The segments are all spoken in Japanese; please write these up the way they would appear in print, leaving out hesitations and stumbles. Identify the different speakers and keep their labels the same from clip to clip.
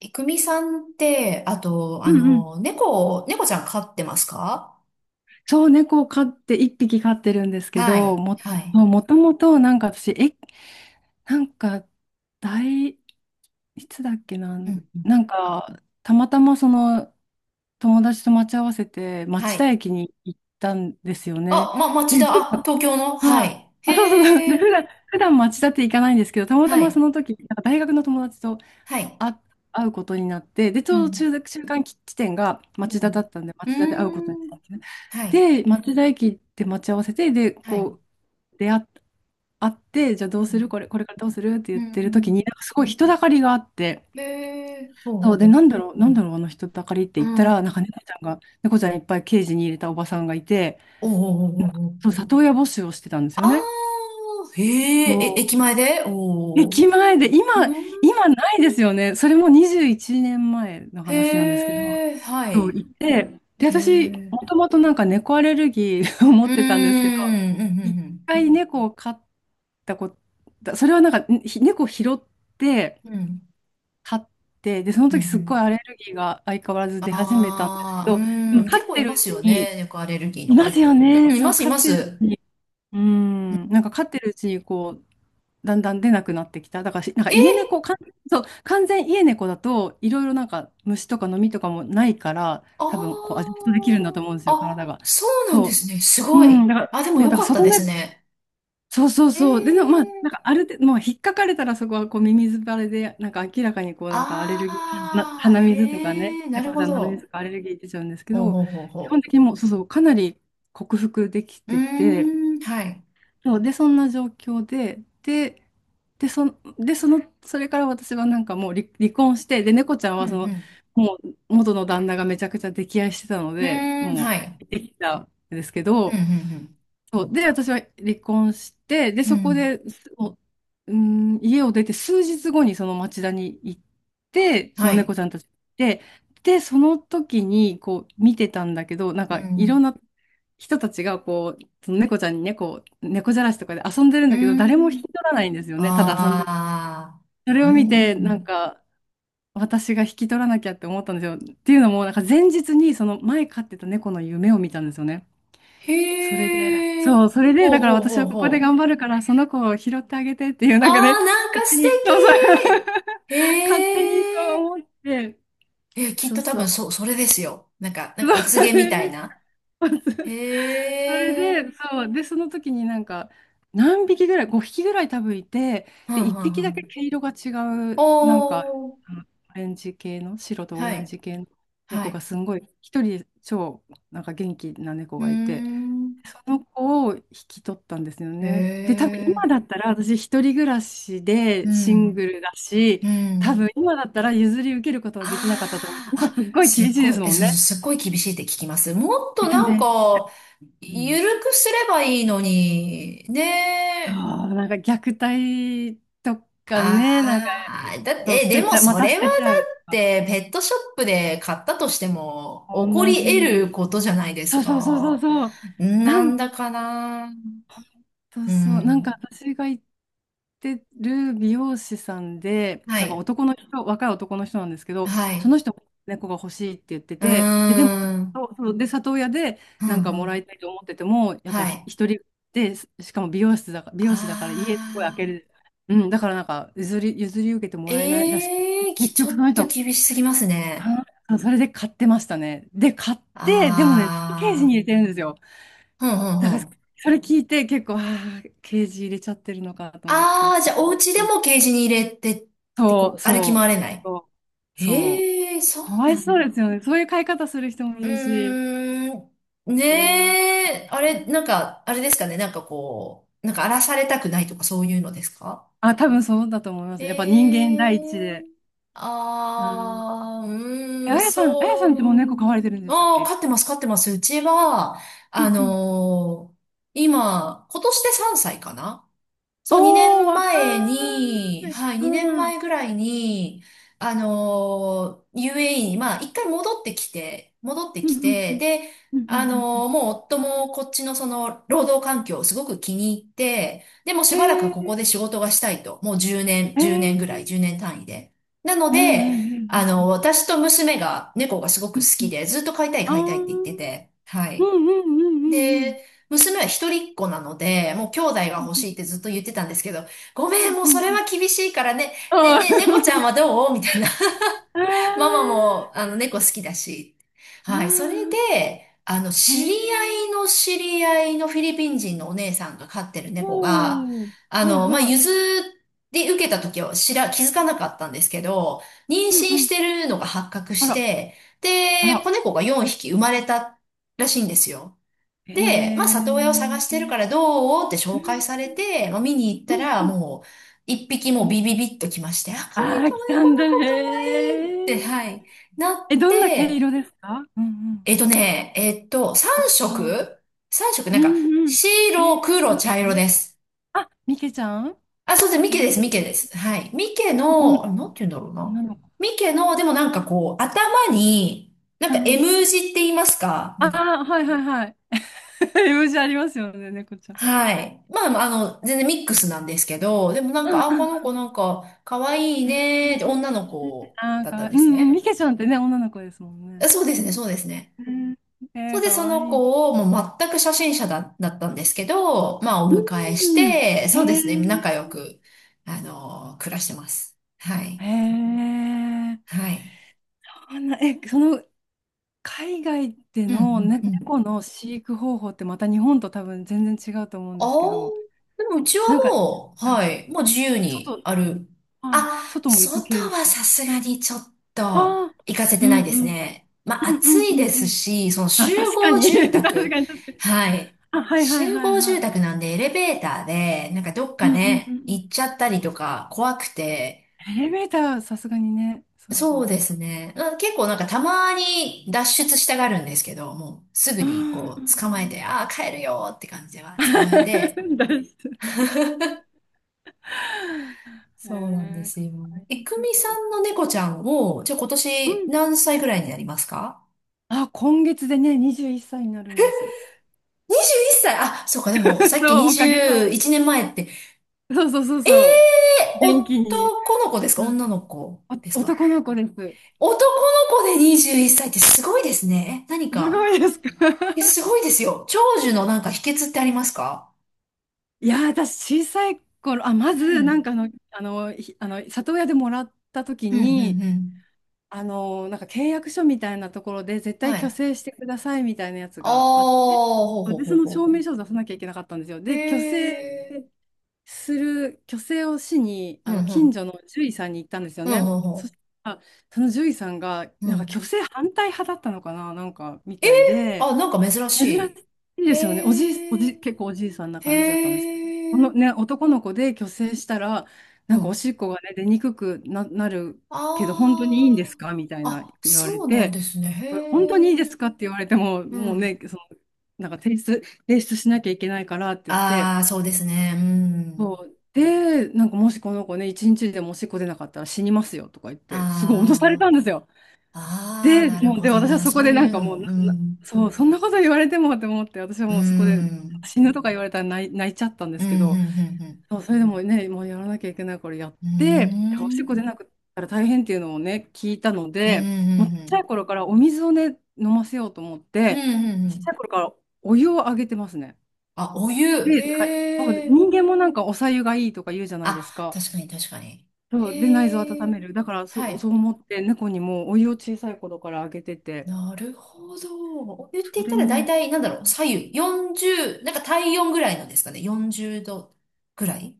Speaker 1: えくみさんって、あと、
Speaker 2: うんうん。
Speaker 1: 猫ちゃん飼ってますか？
Speaker 2: そう、猫を飼って、一匹飼ってるんですけ
Speaker 1: は
Speaker 2: ど、
Speaker 1: い、は
Speaker 2: そう
Speaker 1: い。
Speaker 2: もともと、なんか私、なんか、大、いつだっけな、
Speaker 1: うん、うん。
Speaker 2: なんか、たまたまその、友達と待ち合わせて、
Speaker 1: は
Speaker 2: 町田
Speaker 1: い。
Speaker 2: 駅に行ったんですよね。
Speaker 1: あ、ま、町
Speaker 2: で、
Speaker 1: 田、
Speaker 2: 普
Speaker 1: あ、
Speaker 2: 段、
Speaker 1: 東京の。は
Speaker 2: はい、
Speaker 1: い。
Speaker 2: あ、そうそうそう、
Speaker 1: へ
Speaker 2: で、普
Speaker 1: え、
Speaker 2: 段、普段町田って行かないんですけど、たまた
Speaker 1: は
Speaker 2: まそ
Speaker 1: い、
Speaker 2: の時、なんか大学の友達と
Speaker 1: はい。
Speaker 2: あ、会うことになって、で、ち
Speaker 1: う
Speaker 2: ょうど
Speaker 1: ん、
Speaker 2: 中間地点が
Speaker 1: う
Speaker 2: 町田だ
Speaker 1: ん。
Speaker 2: ったんで、
Speaker 1: うー
Speaker 2: 町田で会うことにな
Speaker 1: ん、
Speaker 2: ってね。
Speaker 1: はい、
Speaker 2: で、町田駅で待ち合わせて、で、
Speaker 1: はい。
Speaker 2: こう、出会っ、会って、じゃあど
Speaker 1: う
Speaker 2: うする
Speaker 1: ん、
Speaker 2: これからどうするって
Speaker 1: う
Speaker 2: 言ってる時に、
Speaker 1: ん。
Speaker 2: なんかすごい人だかりがあって、
Speaker 1: へえ、おう
Speaker 2: そ
Speaker 1: お
Speaker 2: う
Speaker 1: う
Speaker 2: で、
Speaker 1: おう。
Speaker 2: なんだろう、あの人だかりって
Speaker 1: う
Speaker 2: 言った
Speaker 1: ん、お
Speaker 2: ら、な
Speaker 1: う
Speaker 2: んか猫ちゃんが、猫ちゃんいっぱいケージに入れたおばさんがいて、
Speaker 1: おうおうおう。
Speaker 2: そう、里親募集をしてたんですよね。
Speaker 1: あー、へ
Speaker 2: そ
Speaker 1: え、え、
Speaker 2: う。
Speaker 1: 駅前でおうおう。
Speaker 2: 駅前で、
Speaker 1: うん、
Speaker 2: 今ないですよね。それも21年前の話なんで
Speaker 1: へ
Speaker 2: すけど。
Speaker 1: え、は
Speaker 2: そう、
Speaker 1: い。
Speaker 2: 行って、で、
Speaker 1: へ
Speaker 2: 私、
Speaker 1: え。
Speaker 2: もともとなんか猫アレルギー を
Speaker 1: う
Speaker 2: 持っ
Speaker 1: ー
Speaker 2: てたんですけど、一
Speaker 1: ん、
Speaker 2: 回猫を飼ったこと、それはなんか、猫を拾って
Speaker 1: うん、うん、うん、
Speaker 2: 飼って、で、その
Speaker 1: うん、う
Speaker 2: 時すっごい
Speaker 1: ん。
Speaker 2: アレルギーが相変わらず出始めたんですけ
Speaker 1: ああー、
Speaker 2: ど、でも
Speaker 1: うん、
Speaker 2: 飼っ
Speaker 1: 結構い
Speaker 2: てる
Speaker 1: ま
Speaker 2: う
Speaker 1: す
Speaker 2: ち
Speaker 1: よ
Speaker 2: に、
Speaker 1: ね、猫アレルギーの
Speaker 2: いま
Speaker 1: 方。
Speaker 2: すよ
Speaker 1: う
Speaker 2: ね、
Speaker 1: ん、い
Speaker 2: そ
Speaker 1: ま
Speaker 2: う、
Speaker 1: す、い
Speaker 2: 飼っ
Speaker 1: ま
Speaker 2: てる
Speaker 1: す。
Speaker 2: うちに、う
Speaker 1: うん
Speaker 2: ん、なんか飼ってるうちにこう、だんだん出なくなってきた。だからし、なんか家
Speaker 1: え、
Speaker 2: 猫、かん、そう、完全家猫だと、いろいろなんか虫とかノミとかもないから、
Speaker 1: あ
Speaker 2: 多分こうア
Speaker 1: ー
Speaker 2: ジェストできるんだと思うんですよ、体
Speaker 1: あ、
Speaker 2: が。
Speaker 1: そうなんです
Speaker 2: そ
Speaker 1: ね、す
Speaker 2: う。う
Speaker 1: ご
Speaker 2: ん、
Speaker 1: い。
Speaker 2: だから、
Speaker 1: あ、でも
Speaker 2: そう、だ
Speaker 1: よ
Speaker 2: から
Speaker 1: かった
Speaker 2: 外
Speaker 1: で
Speaker 2: 目、
Speaker 1: すね。
Speaker 2: そうそう
Speaker 1: え
Speaker 2: そう。で、まあ、
Speaker 1: ー、
Speaker 2: なんかある程度、もう引っかかれたらそこはこうミミズバレで、なんか明らかにこうなんかアレルギー、
Speaker 1: ああ、
Speaker 2: 鼻水とか
Speaker 1: へ
Speaker 2: ね、
Speaker 1: え、なる
Speaker 2: 猫ち
Speaker 1: ほ
Speaker 2: ゃんの鼻水
Speaker 1: ど。
Speaker 2: とかアレルギー出ちゃうんですけ
Speaker 1: ほう
Speaker 2: ど、
Speaker 1: ほうほう
Speaker 2: 基本
Speaker 1: ほ
Speaker 2: 的にもう、そうそう、かなり克服でき
Speaker 1: う。うー
Speaker 2: てて、
Speaker 1: ん、はい。
Speaker 2: そう、で、そんな状況で、で、その、それから私はなんかもう離婚して、で、猫ちゃん
Speaker 1: うん、
Speaker 2: はその、
Speaker 1: う
Speaker 2: もう元の旦那がめちゃくちゃ溺愛してたの
Speaker 1: ん。う
Speaker 2: で、
Speaker 1: ーん、
Speaker 2: も
Speaker 1: はい。
Speaker 2: う、できたんですけど、
Speaker 1: うん、
Speaker 2: そう、で、私は離婚して、で、
Speaker 1: うん、う
Speaker 2: そ
Speaker 1: ん。う
Speaker 2: こ
Speaker 1: ん、
Speaker 2: で、もう、うーん、家を出て数日後にその町田に行って、そ
Speaker 1: は
Speaker 2: の猫
Speaker 1: い。
Speaker 2: ちゃんたちで、で、その時にこう見てたんだけど、なん
Speaker 1: う
Speaker 2: かいろん
Speaker 1: ん、
Speaker 2: な人たちがこう、その猫ちゃんに猫じゃらしとかで遊んでるん
Speaker 1: うー
Speaker 2: だけど、誰も引き
Speaker 1: ん。
Speaker 2: 取らないんですよね。ただ遊んでる。
Speaker 1: ああ、
Speaker 2: それ
Speaker 1: う
Speaker 2: を見て、なん
Speaker 1: ん。
Speaker 2: か、私が引き取らなきゃって思ったんですよ。っていうのも、なんか前日にその前飼ってた猫の夢を見たんですよね。それで、
Speaker 1: へえ、
Speaker 2: そう、それで、
Speaker 1: ほう
Speaker 2: だから
Speaker 1: ほう
Speaker 2: 私
Speaker 1: ほう
Speaker 2: はここで
Speaker 1: ほ
Speaker 2: 頑張
Speaker 1: う。
Speaker 2: るから、その子を拾ってあげてっていう、
Speaker 1: あ
Speaker 2: なんかね、
Speaker 1: あ、なん
Speaker 2: 勝
Speaker 1: か
Speaker 2: 手
Speaker 1: 素
Speaker 2: に、そうそう、
Speaker 1: 敵。
Speaker 2: 勝手にそ
Speaker 1: へえ、
Speaker 2: う思って、
Speaker 1: え、きっ
Speaker 2: そ
Speaker 1: と
Speaker 2: う
Speaker 1: 多
Speaker 2: そ
Speaker 1: 分
Speaker 2: う。
Speaker 1: それですよ。なんか
Speaker 2: そ
Speaker 1: お告げみたいな。
Speaker 2: う それ
Speaker 1: へえ、
Speaker 2: で、そう。で、その時になんか、何匹ぐらい、5匹ぐらい多分いて、
Speaker 1: は
Speaker 2: で、
Speaker 1: ん
Speaker 2: 1
Speaker 1: はんは
Speaker 2: 匹だけ
Speaker 1: ん。
Speaker 2: 毛色が違
Speaker 1: お
Speaker 2: う、なんか、
Speaker 1: ー、
Speaker 2: あのオレンジ系の、白とオ
Speaker 1: は
Speaker 2: レン
Speaker 1: い、
Speaker 2: ジ系の
Speaker 1: は
Speaker 2: 猫が
Speaker 1: い。
Speaker 2: すんごい、一人超、なんか元気な猫
Speaker 1: うー
Speaker 2: がいて、
Speaker 1: ん、
Speaker 2: その子を引き取ったんですよ
Speaker 1: へ
Speaker 2: ね。で、多分
Speaker 1: え、
Speaker 2: 今だったら、私一人暮らし
Speaker 1: う
Speaker 2: でシン
Speaker 1: ん、
Speaker 2: グルだし、
Speaker 1: う
Speaker 2: 多
Speaker 1: ん。
Speaker 2: 分今だったら譲り受けることはできなかったと思う。
Speaker 1: ああ、
Speaker 2: 今
Speaker 1: あ、
Speaker 2: すっごい
Speaker 1: す
Speaker 2: 厳
Speaker 1: っ
Speaker 2: しいで
Speaker 1: ごい、
Speaker 2: す
Speaker 1: え、
Speaker 2: もん
Speaker 1: そうそう、
Speaker 2: ね。
Speaker 1: すっごい厳しいって聞きます。もっと
Speaker 2: えっと
Speaker 1: なん
Speaker 2: ね、
Speaker 1: か、
Speaker 2: うん
Speaker 1: ゆるくすればいいのに、
Speaker 2: そ
Speaker 1: ねえ。
Speaker 2: う、なんか虐待とかね、なんか、
Speaker 1: ああ、だっ
Speaker 2: そう、
Speaker 1: て、え、
Speaker 2: 捨
Speaker 1: で
Speaker 2: て
Speaker 1: も
Speaker 2: ちゃう、ま
Speaker 1: そ
Speaker 2: た
Speaker 1: れ
Speaker 2: 捨
Speaker 1: はだ
Speaker 2: てちゃうと
Speaker 1: っ
Speaker 2: か、
Speaker 1: て、ペットショップで買ったとしても、
Speaker 2: 同
Speaker 1: 起こり
Speaker 2: じ
Speaker 1: 得
Speaker 2: です
Speaker 1: ることじゃないです
Speaker 2: よ。そうそうそうそう
Speaker 1: か。
Speaker 2: そう。な
Speaker 1: なん
Speaker 2: ん
Speaker 1: だかな。
Speaker 2: そう
Speaker 1: う
Speaker 2: そう。なんか
Speaker 1: ん。
Speaker 2: 私が行ってる美容師さんで、
Speaker 1: は
Speaker 2: なんか
Speaker 1: い。
Speaker 2: 男の人、若い男の人なんですけど、
Speaker 1: は
Speaker 2: そ
Speaker 1: い。
Speaker 2: の人も猫が欲しいって言って
Speaker 1: うー
Speaker 2: て、で、でも、
Speaker 1: ん。
Speaker 2: そうそうで、里親で
Speaker 1: ふ
Speaker 2: なん
Speaker 1: ん
Speaker 2: か
Speaker 1: ふ
Speaker 2: もら
Speaker 1: ん。
Speaker 2: いたいと思ってても、やっぱ
Speaker 1: は
Speaker 2: ひ
Speaker 1: い。
Speaker 2: 一人で、しかも美容室だから、美容師だから家
Speaker 1: あ
Speaker 2: すごい開ける。
Speaker 1: あ。
Speaker 2: うん、だからなんか譲り受けてもらえないらしくて、
Speaker 1: ええー、
Speaker 2: 結
Speaker 1: ちょ
Speaker 2: 局そ
Speaker 1: っ
Speaker 2: の
Speaker 1: と
Speaker 2: 人、
Speaker 1: 厳しすぎますね。
Speaker 2: あそれで買ってましたね。で、買って、でもね、ケージに
Speaker 1: あ
Speaker 2: 入れ
Speaker 1: あ。
Speaker 2: てるんですよ。
Speaker 1: ふんふんふ
Speaker 2: なんか
Speaker 1: ん。
Speaker 2: それ聞いて結構、ああ、ケージ入れちゃってるのかと思って、
Speaker 1: ああ、
Speaker 2: ち
Speaker 1: じ
Speaker 2: ょ
Speaker 1: ゃあ、お
Speaker 2: っ
Speaker 1: 家で
Speaker 2: と、
Speaker 1: もケージに入れてって、
Speaker 2: そう、
Speaker 1: こう、歩き
Speaker 2: そ
Speaker 1: 回れな
Speaker 2: う、
Speaker 1: い。
Speaker 2: そう、そ
Speaker 1: ええそ
Speaker 2: う、か
Speaker 1: う
Speaker 2: わ
Speaker 1: な
Speaker 2: い
Speaker 1: ん
Speaker 2: そう
Speaker 1: だ。
Speaker 2: ですよね。そういう飼い方する人も
Speaker 1: う
Speaker 2: いるし、
Speaker 1: ーん、
Speaker 2: う
Speaker 1: ね
Speaker 2: ん、
Speaker 1: え、あれ、なんか、あれですかね、なんかこう、なんか荒らされたくないとかそういうのですか？
Speaker 2: あ、多分そうだと思いま
Speaker 1: え
Speaker 2: す。やっぱ人間第一で。
Speaker 1: え
Speaker 2: うん。
Speaker 1: ああー、
Speaker 2: え、
Speaker 1: うー
Speaker 2: あ
Speaker 1: ん、
Speaker 2: やさん、あや
Speaker 1: そ
Speaker 2: さん
Speaker 1: う
Speaker 2: っ
Speaker 1: な
Speaker 2: てもう猫
Speaker 1: ん。
Speaker 2: 飼われてるんでしたっ
Speaker 1: ああー、
Speaker 2: け？
Speaker 1: 飼ってます、飼ってます。うちは、
Speaker 2: う
Speaker 1: あ
Speaker 2: んうん、
Speaker 1: のー今、今年で3歳かな。そう、2
Speaker 2: おー、若
Speaker 1: 年前に、
Speaker 2: い。
Speaker 1: はい、
Speaker 2: う
Speaker 1: 2
Speaker 2: ん。う
Speaker 1: 年
Speaker 2: ん
Speaker 1: 前ぐらいに、UAE に、まあ、一回戻ってきて、
Speaker 2: うんうん
Speaker 1: で、
Speaker 2: うんうん
Speaker 1: もう夫もこっちのその、労働環境をすごく気に入って、でも
Speaker 2: う
Speaker 1: し
Speaker 2: ん、
Speaker 1: ばらくこ
Speaker 2: え
Speaker 1: こで仕事がしたいと、もう10年、
Speaker 2: ー、え
Speaker 1: 1年ぐらい、
Speaker 2: ー、
Speaker 1: 10年単位で。なの
Speaker 2: えー、えー、
Speaker 1: で、
Speaker 2: えー、
Speaker 1: 私と娘が、猫がすごく好
Speaker 2: うんう
Speaker 1: き
Speaker 2: ん、
Speaker 1: で、ずっと飼いたい
Speaker 2: あー、
Speaker 1: 飼いたいっ
Speaker 2: う
Speaker 1: て言って
Speaker 2: ん
Speaker 1: て、は
Speaker 2: う
Speaker 1: い。
Speaker 2: んうんうんうん。
Speaker 1: で、娘は一人っ子なので、もう兄弟が
Speaker 2: う
Speaker 1: 欲
Speaker 2: ん
Speaker 1: しいってずっと言ってたんですけど、ごめん、もう
Speaker 2: う
Speaker 1: それ
Speaker 2: ん。
Speaker 1: は厳しいからね、ね、
Speaker 2: あ
Speaker 1: ね、猫ちゃん
Speaker 2: ー
Speaker 1: はどうみたいな。
Speaker 2: あ
Speaker 1: ママ
Speaker 2: ー、
Speaker 1: も、猫好きだし。
Speaker 2: あ
Speaker 1: はい。それ
Speaker 2: ー、
Speaker 1: で、
Speaker 2: へ
Speaker 1: 知り合い
Speaker 2: え、
Speaker 1: の知り合いのフィリピン人のお姉さんが飼ってる猫が、
Speaker 2: おお、はい
Speaker 1: まあ、
Speaker 2: はい。
Speaker 1: 譲り受けた時は気づかなかったんですけど、妊娠
Speaker 2: うんう
Speaker 1: し
Speaker 2: ん。
Speaker 1: てるのが発覚
Speaker 2: あ
Speaker 1: し
Speaker 2: ら、
Speaker 1: て、
Speaker 2: あ
Speaker 1: で、
Speaker 2: ら、
Speaker 1: 子猫が4匹生まれたらしいんですよ。
Speaker 2: へ
Speaker 1: で、まあ、里親を探
Speaker 2: え、
Speaker 1: し
Speaker 2: う
Speaker 1: てる
Speaker 2: ん
Speaker 1: からどうって紹介されて、まあ、見に行っ
Speaker 2: う
Speaker 1: た
Speaker 2: ん
Speaker 1: ら、
Speaker 2: うん
Speaker 1: もう、一匹も
Speaker 2: う
Speaker 1: うビビ
Speaker 2: ん。
Speaker 1: ビッと来まして、あ、かわい
Speaker 2: あ
Speaker 1: い
Speaker 2: あ、
Speaker 1: かわ
Speaker 2: 来
Speaker 1: いい、
Speaker 2: た
Speaker 1: こ
Speaker 2: んだ、
Speaker 1: の子かわ
Speaker 2: へ
Speaker 1: いいって、
Speaker 2: え。
Speaker 1: はい、な
Speaker 2: え、
Speaker 1: っ
Speaker 2: どんな毛
Speaker 1: て、
Speaker 2: 色ですか？うんうん。
Speaker 1: えっとね、えっと、
Speaker 2: 特徴。
Speaker 1: 三色、
Speaker 2: う
Speaker 1: なんか、
Speaker 2: んうん。へ
Speaker 1: 白、
Speaker 2: え、
Speaker 1: 黒、
Speaker 2: みけ
Speaker 1: 茶
Speaker 2: ち
Speaker 1: 色
Speaker 2: ゃん
Speaker 1: です。
Speaker 2: みけちゃん、
Speaker 1: あ、そうです。ミ
Speaker 2: か
Speaker 1: ケ
Speaker 2: わ
Speaker 1: で
Speaker 2: い
Speaker 1: す、ミ
Speaker 2: い。
Speaker 1: ケです。はい。ミケ
Speaker 2: お
Speaker 1: の、あ
Speaker 2: ん、
Speaker 1: れなんて言うんだろう
Speaker 2: 女
Speaker 1: な。
Speaker 2: の子。
Speaker 1: ミケの、でもなんかこう、頭に、なん
Speaker 2: う
Speaker 1: か
Speaker 2: ん。
Speaker 1: M 字って言いますか？
Speaker 2: あ
Speaker 1: なんか。
Speaker 2: あ、はいはいはい。イメージありますよね、猫ちゃん。
Speaker 1: はい。まあ、まあ全然ミックスなんですけど、でもなん
Speaker 2: う
Speaker 1: か、あ、こ
Speaker 2: ん、
Speaker 1: の子なんか、可愛い
Speaker 2: え
Speaker 1: ね、って
Speaker 2: ー、
Speaker 1: 女の子
Speaker 2: あ
Speaker 1: だ
Speaker 2: ー、
Speaker 1: ったん
Speaker 2: う
Speaker 1: で
Speaker 2: んう
Speaker 1: す
Speaker 2: ん、ミ
Speaker 1: ね。
Speaker 2: ケちゃんってね、女の子ですもん
Speaker 1: あ
Speaker 2: ね。
Speaker 1: そうですね、そうですね。
Speaker 2: うん、え
Speaker 1: そ
Speaker 2: ー、
Speaker 1: れで、
Speaker 2: か
Speaker 1: そ
Speaker 2: わ
Speaker 1: の
Speaker 2: いい。
Speaker 1: 子を、もう全く初心者だったんですけど、まあ、お迎えし
Speaker 2: うん。
Speaker 1: て、
Speaker 2: へ
Speaker 1: そうで
Speaker 2: え、
Speaker 1: すね、仲良く、暮らしてます。は
Speaker 2: へ
Speaker 1: い。
Speaker 2: え、
Speaker 1: はい。
Speaker 2: そんな、え、その海外で
Speaker 1: うん、う
Speaker 2: のね
Speaker 1: ん、うん。
Speaker 2: 猫の飼育方法ってまた日本と多分全然違うと思うん
Speaker 1: あ
Speaker 2: ですけ
Speaker 1: あ、
Speaker 2: ど、
Speaker 1: でもうちは
Speaker 2: なんか
Speaker 1: もう、はい、もう自由に
Speaker 2: 外、
Speaker 1: ある。
Speaker 2: はい、
Speaker 1: あ、
Speaker 2: 外も行く
Speaker 1: 外
Speaker 2: 系です
Speaker 1: は
Speaker 2: か？
Speaker 1: さすがにちょっ
Speaker 2: あ
Speaker 1: と
Speaker 2: あー、
Speaker 1: 行かせ
Speaker 2: う
Speaker 1: てな
Speaker 2: ん
Speaker 1: いです
Speaker 2: うん、
Speaker 1: ね。まあ
Speaker 2: うんう
Speaker 1: 暑
Speaker 2: んう
Speaker 1: いで
Speaker 2: んう
Speaker 1: す
Speaker 2: ん。
Speaker 1: し、その
Speaker 2: あ、
Speaker 1: 集
Speaker 2: 確か
Speaker 1: 合
Speaker 2: に、
Speaker 1: 住
Speaker 2: 確
Speaker 1: 宅。
Speaker 2: かに確かに。
Speaker 1: はい。
Speaker 2: あ、はいはい
Speaker 1: 集
Speaker 2: はい
Speaker 1: 合
Speaker 2: は
Speaker 1: 住
Speaker 2: い。
Speaker 1: 宅なんでエレベーターで、なんかどっ
Speaker 2: う
Speaker 1: か
Speaker 2: んうんうんう
Speaker 1: ね、
Speaker 2: ん。
Speaker 1: 行っちゃったりとか怖くて。
Speaker 2: エレベーターはさすがにね、そうです
Speaker 1: そうで
Speaker 2: ね。
Speaker 1: すね。うん結構なんかたまに脱出したがるんですけど、もうすぐ
Speaker 2: う
Speaker 1: にこう捕まえ
Speaker 2: ん。
Speaker 1: て、ああ、帰るよって感じでは捕まえて、
Speaker 2: 大丈夫？え
Speaker 1: そうなんで
Speaker 2: ー、
Speaker 1: す
Speaker 2: か
Speaker 1: よ。
Speaker 2: わ
Speaker 1: え、
Speaker 2: いい
Speaker 1: く
Speaker 2: で
Speaker 1: み
Speaker 2: す
Speaker 1: さん
Speaker 2: ね。
Speaker 1: の猫ちゃんを、じゃあ今
Speaker 2: う
Speaker 1: 年
Speaker 2: ん。
Speaker 1: 何歳ぐらいになりますか？
Speaker 2: あ、今月でね、21歳になるんです。
Speaker 1: 21 歳。あ、そうか、でもさ っき
Speaker 2: そう、おかげさま。
Speaker 1: 21年前って、
Speaker 2: そうそうそう
Speaker 1: え
Speaker 2: そう。元気に。
Speaker 1: 男の子ですか
Speaker 2: うん。
Speaker 1: 女の子です
Speaker 2: お、
Speaker 1: か？
Speaker 2: 男の子です。
Speaker 1: 男の子で21歳っさいってすごいですね。え、何
Speaker 2: す
Speaker 1: か。
Speaker 2: ごいですか？
Speaker 1: え、す ごいですよ。長寿のなんか秘訣ってありますか？
Speaker 2: いやー、私、小さい頃、あ、ま
Speaker 1: う
Speaker 2: ず、なん
Speaker 1: ん。
Speaker 2: かあの、里親でもらった時
Speaker 1: うん、う
Speaker 2: に、
Speaker 1: ん、うん。
Speaker 2: あの、なんか契約書みたいなところで絶対
Speaker 1: は
Speaker 2: 虚
Speaker 1: い。
Speaker 2: 勢してくださいみたいなやつ
Speaker 1: ああ、
Speaker 2: があって、
Speaker 1: ほう
Speaker 2: で、
Speaker 1: ほ
Speaker 2: そ
Speaker 1: う
Speaker 2: の
Speaker 1: ほう
Speaker 2: 証
Speaker 1: ほう
Speaker 2: 明
Speaker 1: ほ
Speaker 2: 書を出さなきゃいけなかったんですよ。
Speaker 1: う。
Speaker 2: で、
Speaker 1: へえ。
Speaker 2: 虚勢をしに、
Speaker 1: う
Speaker 2: あ
Speaker 1: ん、
Speaker 2: の、
Speaker 1: う
Speaker 2: 近
Speaker 1: ん。
Speaker 2: 所の獣医さんに行ったんですよ
Speaker 1: うん、
Speaker 2: ね。
Speaker 1: うん、う
Speaker 2: そし
Speaker 1: ん。
Speaker 2: たら、その獣医さんが、
Speaker 1: う
Speaker 2: なんか虚
Speaker 1: ん
Speaker 2: 勢反対派だったのかな、なんかみ
Speaker 1: えー、
Speaker 2: たいで、
Speaker 1: あ、なんか珍し
Speaker 2: 珍し
Speaker 1: い。
Speaker 2: いですよね。おじい、お
Speaker 1: へ
Speaker 2: じ、
Speaker 1: え、
Speaker 2: 結構おじいさんな感じだったんで
Speaker 1: へ
Speaker 2: すけど。この
Speaker 1: え、
Speaker 2: ね、男の子で去勢したら、
Speaker 1: う
Speaker 2: なんかお
Speaker 1: ん。
Speaker 2: しっこがね、出にくくな、なるけど、本当にいいんで
Speaker 1: あ
Speaker 2: す
Speaker 1: ー
Speaker 2: かみたいな
Speaker 1: あ、
Speaker 2: 言われ
Speaker 1: そうなん
Speaker 2: て、
Speaker 1: ですね。
Speaker 2: 本当
Speaker 1: へ
Speaker 2: にい
Speaker 1: え、
Speaker 2: いですかって言われても、
Speaker 1: う
Speaker 2: もう
Speaker 1: ん。
Speaker 2: ね、その、なんか提出しなきゃいけないからって言って、
Speaker 1: ああ、そうですね。う
Speaker 2: そ
Speaker 1: ん。
Speaker 2: う。で、なんかもしこの子ね、一日でもおしっこ出なかったら死にますよとか言って、すごい脅され
Speaker 1: あ
Speaker 2: たんですよ。
Speaker 1: あ、ああ、
Speaker 2: で、
Speaker 1: なる
Speaker 2: もう、
Speaker 1: ほ
Speaker 2: で、
Speaker 1: ど
Speaker 2: 私は
Speaker 1: な。
Speaker 2: そこ
Speaker 1: そ
Speaker 2: で
Speaker 1: う
Speaker 2: な
Speaker 1: い
Speaker 2: ん
Speaker 1: う
Speaker 2: か
Speaker 1: の
Speaker 2: もう
Speaker 1: も、
Speaker 2: な、
Speaker 1: う
Speaker 2: な
Speaker 1: ん。
Speaker 2: そう、そんなこと言われてもって思って、私は
Speaker 1: う
Speaker 2: もうそこで
Speaker 1: ん。
Speaker 2: 死ぬとか言われたら泣いちゃったんで
Speaker 1: うん、
Speaker 2: すけど、
Speaker 1: うん、
Speaker 2: そう、それでもね、もうやらなきゃいけないからやっ
Speaker 1: うん、
Speaker 2: て、
Speaker 1: う
Speaker 2: おしっこ出
Speaker 1: ん。
Speaker 2: なくったら大変っていうのをね、聞いたの
Speaker 1: うーん。う
Speaker 2: で、
Speaker 1: ん、う
Speaker 2: もうちっ
Speaker 1: ん、う
Speaker 2: ちゃい
Speaker 1: ん。
Speaker 2: 頃からお水をね、飲ませようと思っ
Speaker 1: うん、
Speaker 2: て、
Speaker 1: うん、う
Speaker 2: ちっち
Speaker 1: ん。
Speaker 2: ゃい頃からお湯をあげてますね。
Speaker 1: あ、お湯。
Speaker 2: で、はい、そうで、
Speaker 1: へえ。
Speaker 2: 人間もなんかお白湯がいいとか言うじゃないで
Speaker 1: あ、
Speaker 2: すか。
Speaker 1: 確かに、確かに。
Speaker 2: そう、で、内臓を
Speaker 1: へ
Speaker 2: 温
Speaker 1: え。
Speaker 2: める。だから
Speaker 1: は
Speaker 2: そう
Speaker 1: い。
Speaker 2: 思って、猫にもお湯を小さい頃からあげてて。
Speaker 1: なるほど。
Speaker 2: そ
Speaker 1: 言っ
Speaker 2: れ
Speaker 1: たら大
Speaker 2: も、
Speaker 1: 体、なんだろう、左右、40、なんか体温ぐらいのですかね、40度ぐらい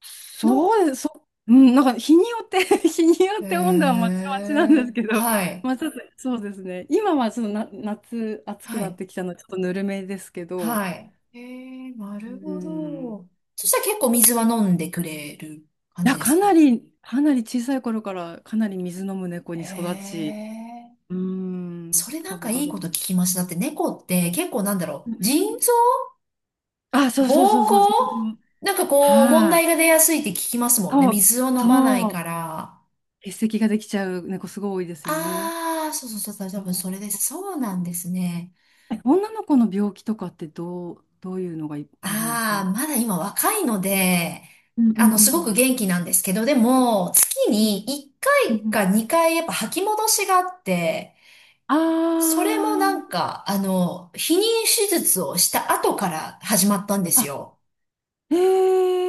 Speaker 2: そう
Speaker 1: の、
Speaker 2: です、そう、うん、なんか日によって 日によっ
Speaker 1: へ
Speaker 2: て温度はまちまちなんです
Speaker 1: え、
Speaker 2: けど、
Speaker 1: は い、
Speaker 2: まあ、ちょっとそうですね、今はちょっと夏、暑く
Speaker 1: は
Speaker 2: なっ
Speaker 1: い、
Speaker 2: てきたので、ちょっとぬるめですけど、
Speaker 1: はい。へえ、な
Speaker 2: う
Speaker 1: るほ
Speaker 2: ん、い
Speaker 1: ど。そしたら結構水は飲んでくれる感じ
Speaker 2: や、
Speaker 1: です
Speaker 2: かな
Speaker 1: か？
Speaker 2: り、かなり小さい頃からかなり水飲む猫
Speaker 1: へ
Speaker 2: に育ち、
Speaker 1: え、
Speaker 2: うん、
Speaker 1: それな
Speaker 2: ガ
Speaker 1: んか
Speaker 2: ブガ
Speaker 1: いい
Speaker 2: ブ。
Speaker 1: こと聞きました。だって猫って結構なんだ
Speaker 2: う
Speaker 1: ろう、
Speaker 2: ん、
Speaker 1: 腎臓
Speaker 2: あ、そうそうそう
Speaker 1: 膀
Speaker 2: そう、自
Speaker 1: 胱
Speaker 2: 分、
Speaker 1: なんかこう、問
Speaker 2: はい、
Speaker 1: 題が出やすいって聞きますもんね。
Speaker 2: そう、
Speaker 1: 水を飲まない
Speaker 2: そう、
Speaker 1: から。
Speaker 2: 結石ができちゃう猫、すごい多いですよね。
Speaker 1: ああ、そうそうそう、多
Speaker 2: そ
Speaker 1: 分それで
Speaker 2: う、
Speaker 1: す。そうなんですね。
Speaker 2: え、女の子の病気とかってどういうのがあるんですか
Speaker 1: あ
Speaker 2: ね？
Speaker 1: あ、まだ今若いので、
Speaker 2: うんうんうん
Speaker 1: す
Speaker 2: う
Speaker 1: ごく
Speaker 2: ん。
Speaker 1: 元気なんですけど、でも、月
Speaker 2: うん
Speaker 1: に1
Speaker 2: う
Speaker 1: 回
Speaker 2: ん、
Speaker 1: か2回やっぱ吐き戻しがあって、
Speaker 2: あ
Speaker 1: それもなん
Speaker 2: ー、
Speaker 1: か、避妊手術をした後から始まったんです
Speaker 2: あ、
Speaker 1: よ。
Speaker 2: え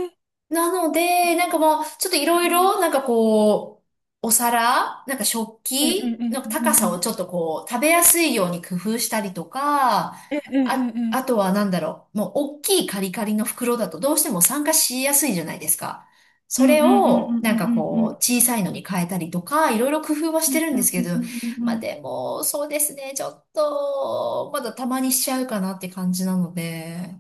Speaker 2: ー、
Speaker 1: なので、なんかもう、ちょっといろいろ、なんかこう、なんか食
Speaker 2: えええ
Speaker 1: 器の
Speaker 2: ええ
Speaker 1: 高さをちょっとこう、食べやすいように工夫したりとか、
Speaker 2: ええええええ
Speaker 1: あと
Speaker 2: え、
Speaker 1: はなんだろう、もう大きいカリカリの袋だとどうしても酸化しやすいじゃないですか。
Speaker 2: う
Speaker 1: そ
Speaker 2: んうん
Speaker 1: れ
Speaker 2: うんう
Speaker 1: を、
Speaker 2: んう
Speaker 1: なんか
Speaker 2: んうんう
Speaker 1: こう、
Speaker 2: ん
Speaker 1: 小さいのに変えたりとか、いろいろ工夫はし
Speaker 2: う
Speaker 1: て
Speaker 2: ん
Speaker 1: るん
Speaker 2: う
Speaker 1: です
Speaker 2: ん
Speaker 1: け
Speaker 2: う
Speaker 1: ど、
Speaker 2: んうんう
Speaker 1: まあ
Speaker 2: ん
Speaker 1: でも、そうですね、ちょっと、まだたまにしちゃうかなって感じなので。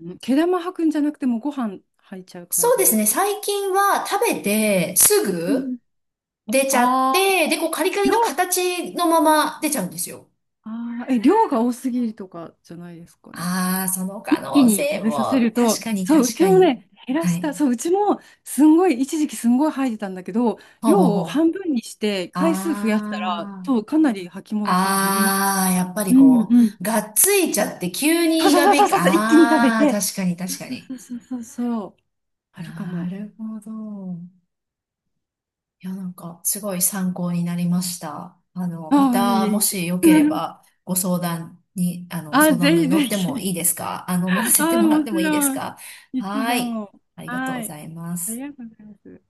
Speaker 2: うん、毛玉吐くんじゃなくてもうご飯吐いちゃう感
Speaker 1: そう
Speaker 2: じ
Speaker 1: で
Speaker 2: で
Speaker 1: す
Speaker 2: す
Speaker 1: ね。
Speaker 2: か？
Speaker 1: 最近は食べてす
Speaker 2: うん、
Speaker 1: ぐ
Speaker 2: う
Speaker 1: 出ちゃっ
Speaker 2: あ
Speaker 1: て、で、こうカリカ
Speaker 2: ー
Speaker 1: リの形のまま出ちゃうんですよ。
Speaker 2: ああ、え、量が多すぎるとかじゃないですかね。
Speaker 1: ああ、その可
Speaker 2: 一気
Speaker 1: 能
Speaker 2: に
Speaker 1: 性
Speaker 2: 食べさせ
Speaker 1: も、
Speaker 2: る
Speaker 1: 確
Speaker 2: と、
Speaker 1: かに
Speaker 2: そう、う
Speaker 1: 確
Speaker 2: ち
Speaker 1: か
Speaker 2: も
Speaker 1: に。
Speaker 2: ね、減ら
Speaker 1: は
Speaker 2: し
Speaker 1: い。
Speaker 2: た、そう、うちもすんごい、一時期すんごい吐いてたんだけど、
Speaker 1: ほう
Speaker 2: 量
Speaker 1: ほう
Speaker 2: を
Speaker 1: ほう。
Speaker 2: 半分にして回数増やしたら、
Speaker 1: ああ。
Speaker 2: そう、かなり吐き戻しは減ります。
Speaker 1: ああ、やっぱり
Speaker 2: うん
Speaker 1: こ
Speaker 2: うん。
Speaker 1: う、がっついちゃって急
Speaker 2: そう
Speaker 1: に胃が
Speaker 2: そうそ
Speaker 1: べ
Speaker 2: う
Speaker 1: き、
Speaker 2: そうそう、一気に食べ
Speaker 1: ああ、
Speaker 2: て。
Speaker 1: 確かに確か
Speaker 2: そ
Speaker 1: に。
Speaker 2: うそうそうそう、あるか
Speaker 1: な
Speaker 2: も。
Speaker 1: るほど。いや、なんか、すごい参考になりました。ま
Speaker 2: ああ、い
Speaker 1: た、
Speaker 2: え
Speaker 1: も
Speaker 2: いえ。
Speaker 1: しよけれ ば、ご相談に、
Speaker 2: あ、
Speaker 1: 相談
Speaker 2: ぜ
Speaker 1: に
Speaker 2: ひ
Speaker 1: 乗
Speaker 2: ぜ
Speaker 1: っても
Speaker 2: ひ。
Speaker 1: いいですか？乗らせて
Speaker 2: ああ、
Speaker 1: もら
Speaker 2: も
Speaker 1: って
Speaker 2: ち
Speaker 1: もいいです
Speaker 2: ろん。
Speaker 1: か？
Speaker 2: いつ
Speaker 1: は
Speaker 2: で
Speaker 1: い。
Speaker 2: も。
Speaker 1: ありがとうご
Speaker 2: はい。
Speaker 1: ざいま
Speaker 2: あり
Speaker 1: す。
Speaker 2: がとうございます。